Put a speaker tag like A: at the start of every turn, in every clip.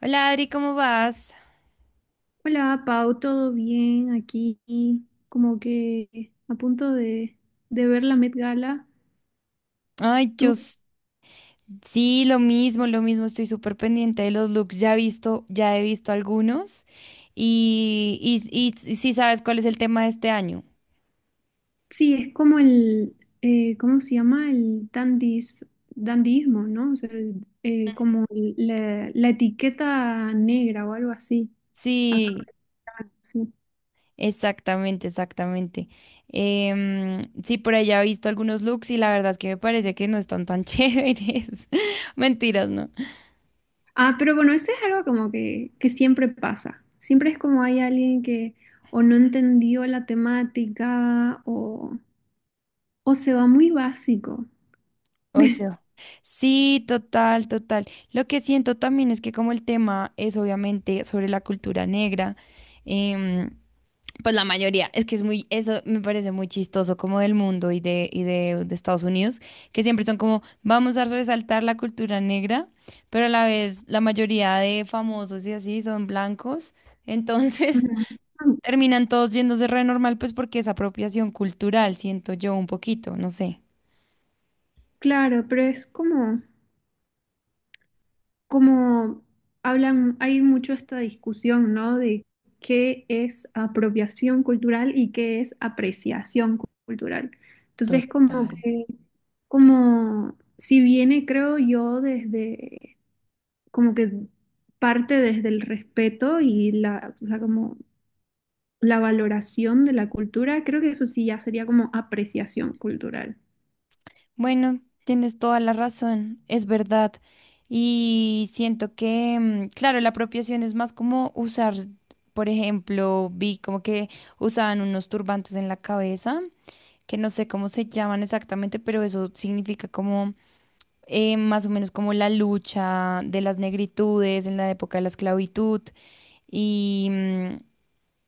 A: Hola Adri, ¿cómo vas?
B: Hola, Pau, ¿todo bien aquí? Como que a punto de ver la Met Gala.
A: Ay,
B: Tú,
A: sí, lo mismo, estoy súper pendiente de los looks, ya he visto algunos y, sí sabes cuál es el tema de este año.
B: sí, es como el, ¿cómo se llama? El dandis, dandismo, ¿no? O sea, el- como el- la etiqueta negra o algo así. Acá,
A: Sí,
B: sí.
A: exactamente, exactamente. Sí, por allá he visto algunos looks y la verdad es que me parece que no están tan chéveres. Mentiras, ¿no?
B: Ah, pero bueno, eso es algo como que siempre pasa. Siempre es como hay alguien que o no entendió la temática o se va muy básico.
A: Ocio. Sí, total, total. Lo que siento también es que como el tema es obviamente sobre la cultura negra, em, pues la mayoría, es que es muy, eso me parece muy chistoso como del mundo de Estados Unidos, que siempre son como, vamos a resaltar la cultura negra, pero a la vez la mayoría de famosos y así son blancos, entonces
B: Ujú. Ah,
A: terminan todos yéndose re normal, pues porque es apropiación cultural, siento yo un poquito, no sé.
B: claro, pero es como, como hablan, hay mucho esta discusión, ¿no? De qué es apropiación cultural y qué es apreciación cu- cultural. Entonces, como
A: Total.
B: que, como si viene, creo yo, desde, como que parte desde el respeto y la, o sea, como la valoración de la cultura, creo que eso sí ya sería como apreciación cultural.
A: Bueno, tienes toda la razón, es verdad. Y siento que, claro, la apropiación es más como usar, por ejemplo, vi como que usaban unos turbantes en la cabeza, que no sé cómo se llaman exactamente, pero eso significa como más o menos como la lucha de las negritudes en la época de la esclavitud. Y, mm,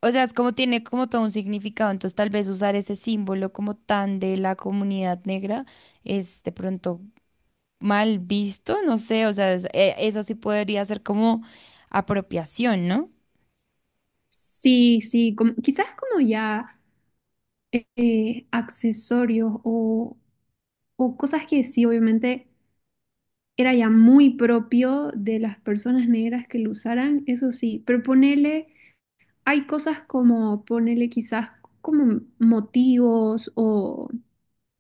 A: o sea, es como tiene como todo un significado, entonces tal vez usar ese símbolo como tan de la comunidad negra es de pronto mal visto, no sé, o sea, eso sí podría ser como apropiación, ¿no?
B: Sí, sí, como, quizás como ya. Accesorios o cosas que sí, obviamente era ya muy propio de las personas negras que lo usaran, eso sí, pero ponele, hay cosas como ponele quizás como motivos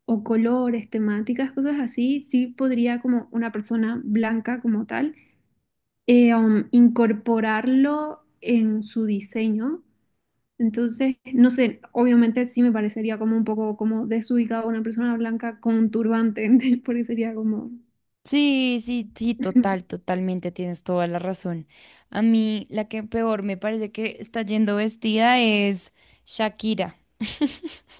B: o colores, temáticas, cosas así, sí podría como una persona blanca como tal incorporarlo en su diseño. Entonces, no sé, obviamente sí me parecería como un poco como desubicado una persona blanca con un turbante, porque sería como...
A: Sí, sí, sí, total, totalmente, tienes toda la razón. A mí la que peor me parece que está yendo vestida es Shakira.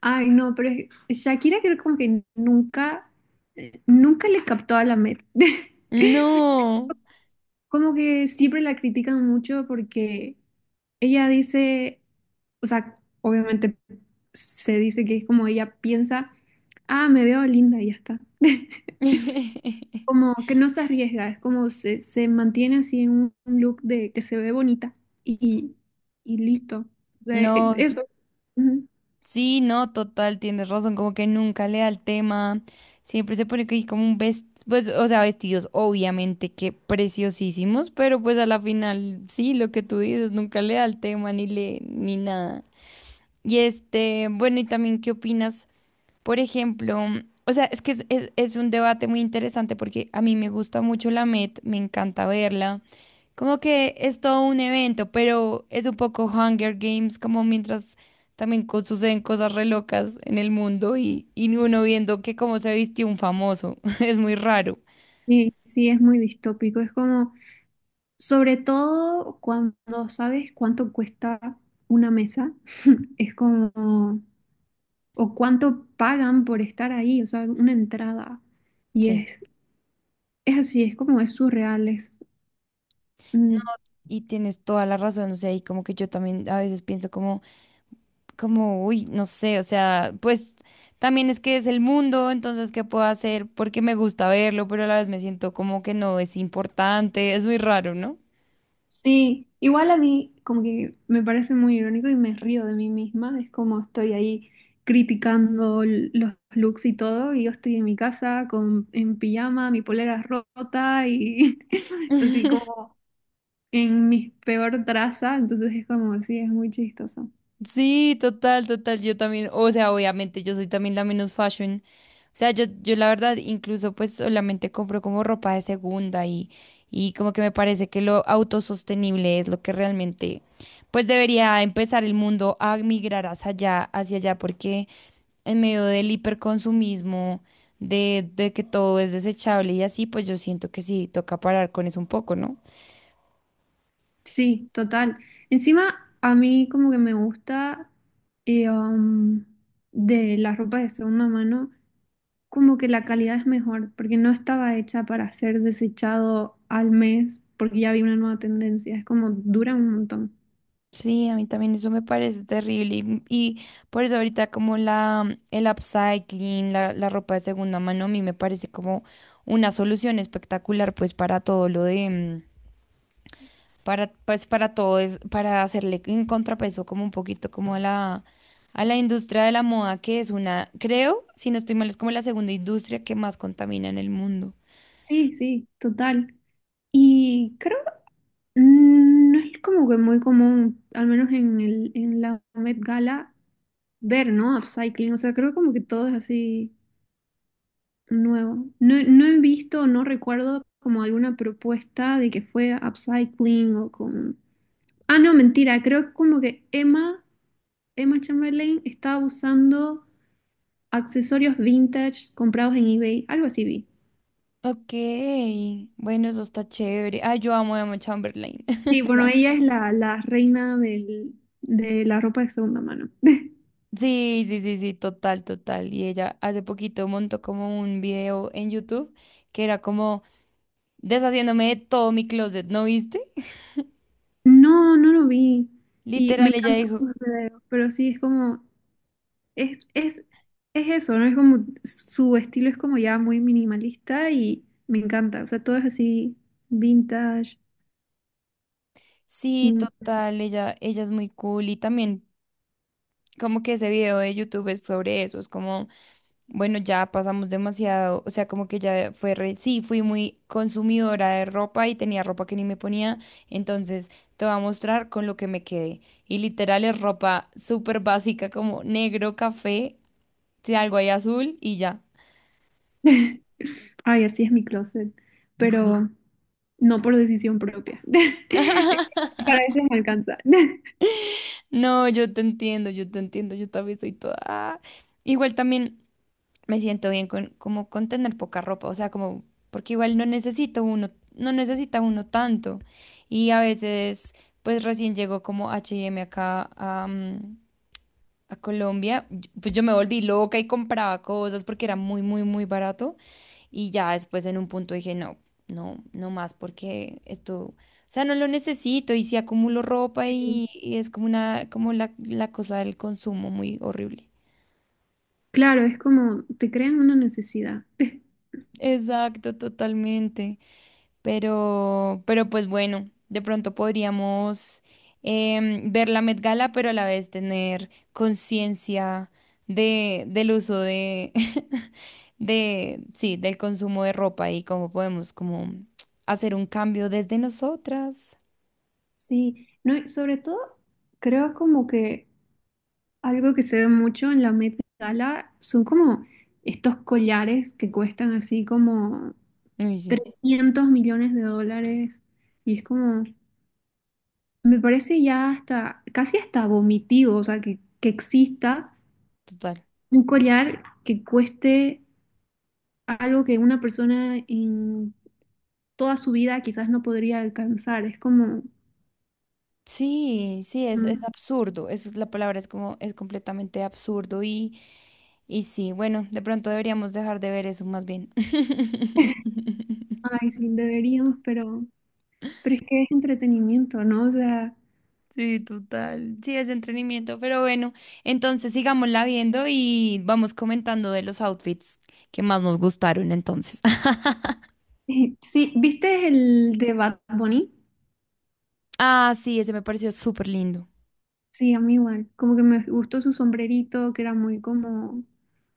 B: Ay, no, pero es- Shakira creo como que nunca, nunca le captó a la Met.
A: No.
B: Como que siempre la critican mucho porque ella dice, o sea, obviamente se dice que es como ella piensa, ah, me veo linda y ya está. Como que no se arriesga, es como se mantiene así en un look de que se ve bonita y, y listo. De-
A: No,
B: eso. Ujú.
A: sí, no, total, tienes razón, como que nunca le da el tema, siempre se pone que hay como un vestido, pues, o sea, vestidos obviamente que preciosísimos, pero pues a la final, sí, lo que tú dices, nunca le da el tema ni le, ni nada. Y este, bueno, y también, ¿qué opinas? Por ejemplo, o sea, es que es un debate muy interesante porque a mí me gusta mucho la Met, me encanta verla. Como que es todo un evento, pero es un poco Hunger Games, como mientras también suceden cosas re locas en el mundo y uno viendo que cómo se vistió un famoso. Es muy raro.
B: Sí, sí, es muy distópico. Es como, sobre todo cuando no sabes cuánto cuesta una mesa, es como, o cuánto pagan por estar ahí, o sea, una entrada. Y
A: Sí.
B: es así, es como, es surreal, es, mm,
A: Y tienes toda la razón, o sea, y como que yo también a veces pienso uy, no sé, o sea, pues también es que es el mundo, entonces, ¿qué puedo hacer? Porque me gusta verlo, pero a la vez me siento como que no es importante, es muy raro, ¿no?
B: sí, igual a mí como que me parece muy irónico y me río de mí misma, es como estoy ahí criticando l- los looks y todo, y yo estoy en mi casa con, en pijama, mi polera rota y así como en mi peor traza, entonces es como, sí, es muy chistoso.
A: Sí, total, total. Yo también, o sea, obviamente yo soy también la menos fashion. O sea, yo la verdad incluso pues solamente compro como ropa de segunda y como que me parece que lo autosostenible es lo que realmente pues debería empezar el mundo a migrar hacia allá, porque en medio del hiperconsumismo, de que todo es desechable y así, pues yo siento que sí, toca parar con eso un poco, ¿no?
B: Sí, total. Encima a mí como que me gusta eh, um, de la ropa de segunda mano. Como que la calidad es mejor, porque no estaba hecha para ser desechado al mes, porque ya había una nueva tendencia, es como dura un montón.
A: Sí, a mí también eso me parece terrible y por eso ahorita como el upcycling, la ropa de segunda mano, a mí me parece como una solución espectacular pues para todo lo de, mm, para, pues para todo es, para hacerle en contrapeso como un poquito como a a la industria de la moda que es una, creo, si no estoy mal, es como la segunda industria que más contamina en el mundo.
B: Sí, sí, total. Y creo que no es como que muy común, al menos en el, en la Met Gala, ver, ¿no? Upcycling, o sea, creo como que todo es así nuevo. No, no he visto, no recuerdo como alguna propuesta de que fue upcycling o con... Ah, no, mentira, creo como que Emma Chamberlain estaba usando accesorios vintage comprados en eBay, algo así vi.
A: Ok, bueno, eso está chévere. Ah, yo amo a Emma Chamberlain.
B: Sí, bueno, ella es la, la reina del- de la ropa de segunda mano.
A: Sí, sí, sí, sí, total, total. Y ella hace poquito montó como un video en YouTube que era como deshaciéndome de todo mi closet, ¿no viste?
B: No, no lo vi. Y me
A: Literal, ella
B: encantan
A: dijo,
B: sus videos, pero sí, es como, es, es, es eso, ¿no? Es como, su estilo es como ya muy minimalista y me encanta. O sea, todo es así, vintage.
A: sí,
B: Mm.
A: total, ella es muy cool. Y también como que ese video de YouTube es sobre eso, es como, bueno, ya pasamos demasiado, o sea, como que ya fue, sí, fui muy consumidora de ropa y tenía ropa que ni me ponía, entonces te voy a mostrar con lo que me quedé. Y literal es ropa súper básica como negro, café si algo ahí azul y ya.
B: Ay, así es mi closet. Pero, no por decisión propia. Para eso me alcanza.
A: No, yo te entiendo, yo te entiendo, yo también soy toda... ah. Igual también me siento bien con, como con tener poca ropa, o sea, como, porque igual no necesita uno, no necesita uno tanto. Y a veces, pues recién llegó como H&M acá a Colombia, y- pues yo me volví loca y compraba cosas porque era muy, muy, muy barato. Y ya después en un punto dije, no, no más porque esto, o sea, no lo necesito y si acumulo ropa
B: Sí,
A: y es como una, como la cosa del consumo muy horrible.
B: claro, es como te crean una necesidad.
A: Exacto, totalmente. Pero pues bueno, de pronto podríamos ver la Met Gala, pero a la vez tener conciencia del uso de, de, sí, del consumo de ropa y cómo podemos como hacer un cambio desde nosotras.
B: Sí. No, y sobre todo creo como que algo que se ve mucho en la Met Gala son como estos collares que cuestan así como
A: Uy, sí,
B: 300 millones de dólares. Y es como, me parece ya hasta, casi hasta vomitivo, o sea, que exista
A: total.
B: un collar que cueste algo que una persona en toda su vida quizás no podría alcanzar. Es como,
A: Sí, sí, es
B: mm,
A: absurdo. Es, la palabra es como, es completamente absurdo y sí, bueno, de pronto deberíamos dejar de ver eso más bien.
B: ay, sí, deberíamos, pero es que es entretenimiento, ¿no? O sea,
A: Sí, total. Sí, es de entretenimiento, pero bueno, entonces sigámosla viendo y vamos comentando de los outfits que más nos gustaron entonces.
B: sí, ¿viste el de Bad Bunny?
A: Ah, sí, ese me pareció súper lindo.
B: Sí, a mí igual. Como que me gustó su sombrerito, que era muy como,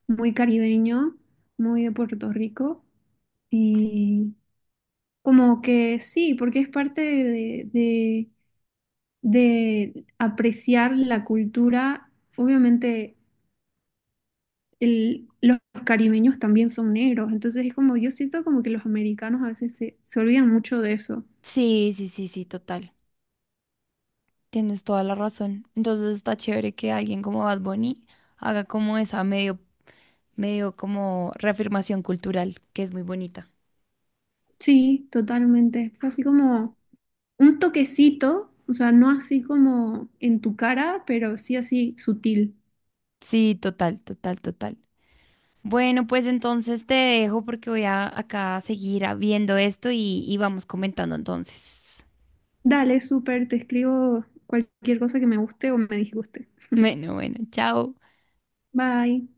B: muy caribeño, muy de Puerto Rico. Y como que sí, porque es parte de apreciar la cultura. Obviamente el- los caribeños también son negros, entonces es como yo siento como que los americanos a veces se, se olvidan mucho de eso.
A: Sí, sí, sí, sí, total. Tienes toda la razón. Entonces está chévere que alguien como Bad Bunny haga como esa medio, medio como reafirmación cultural, que es muy bonita.
B: Sí, totalmente. Fue así
A: Sí,
B: como un toquecito, o sea, no así como en tu cara, pero sí así sutil.
A: sí, total, total, total. Bueno, pues entonces te dejo porque voy a acá a seguir viendo esto y vamos comentando entonces.
B: Dale, súper, te escribo cualquier cosa que me guste o me disguste.
A: Bueno, bueno, chao.
B: Bye.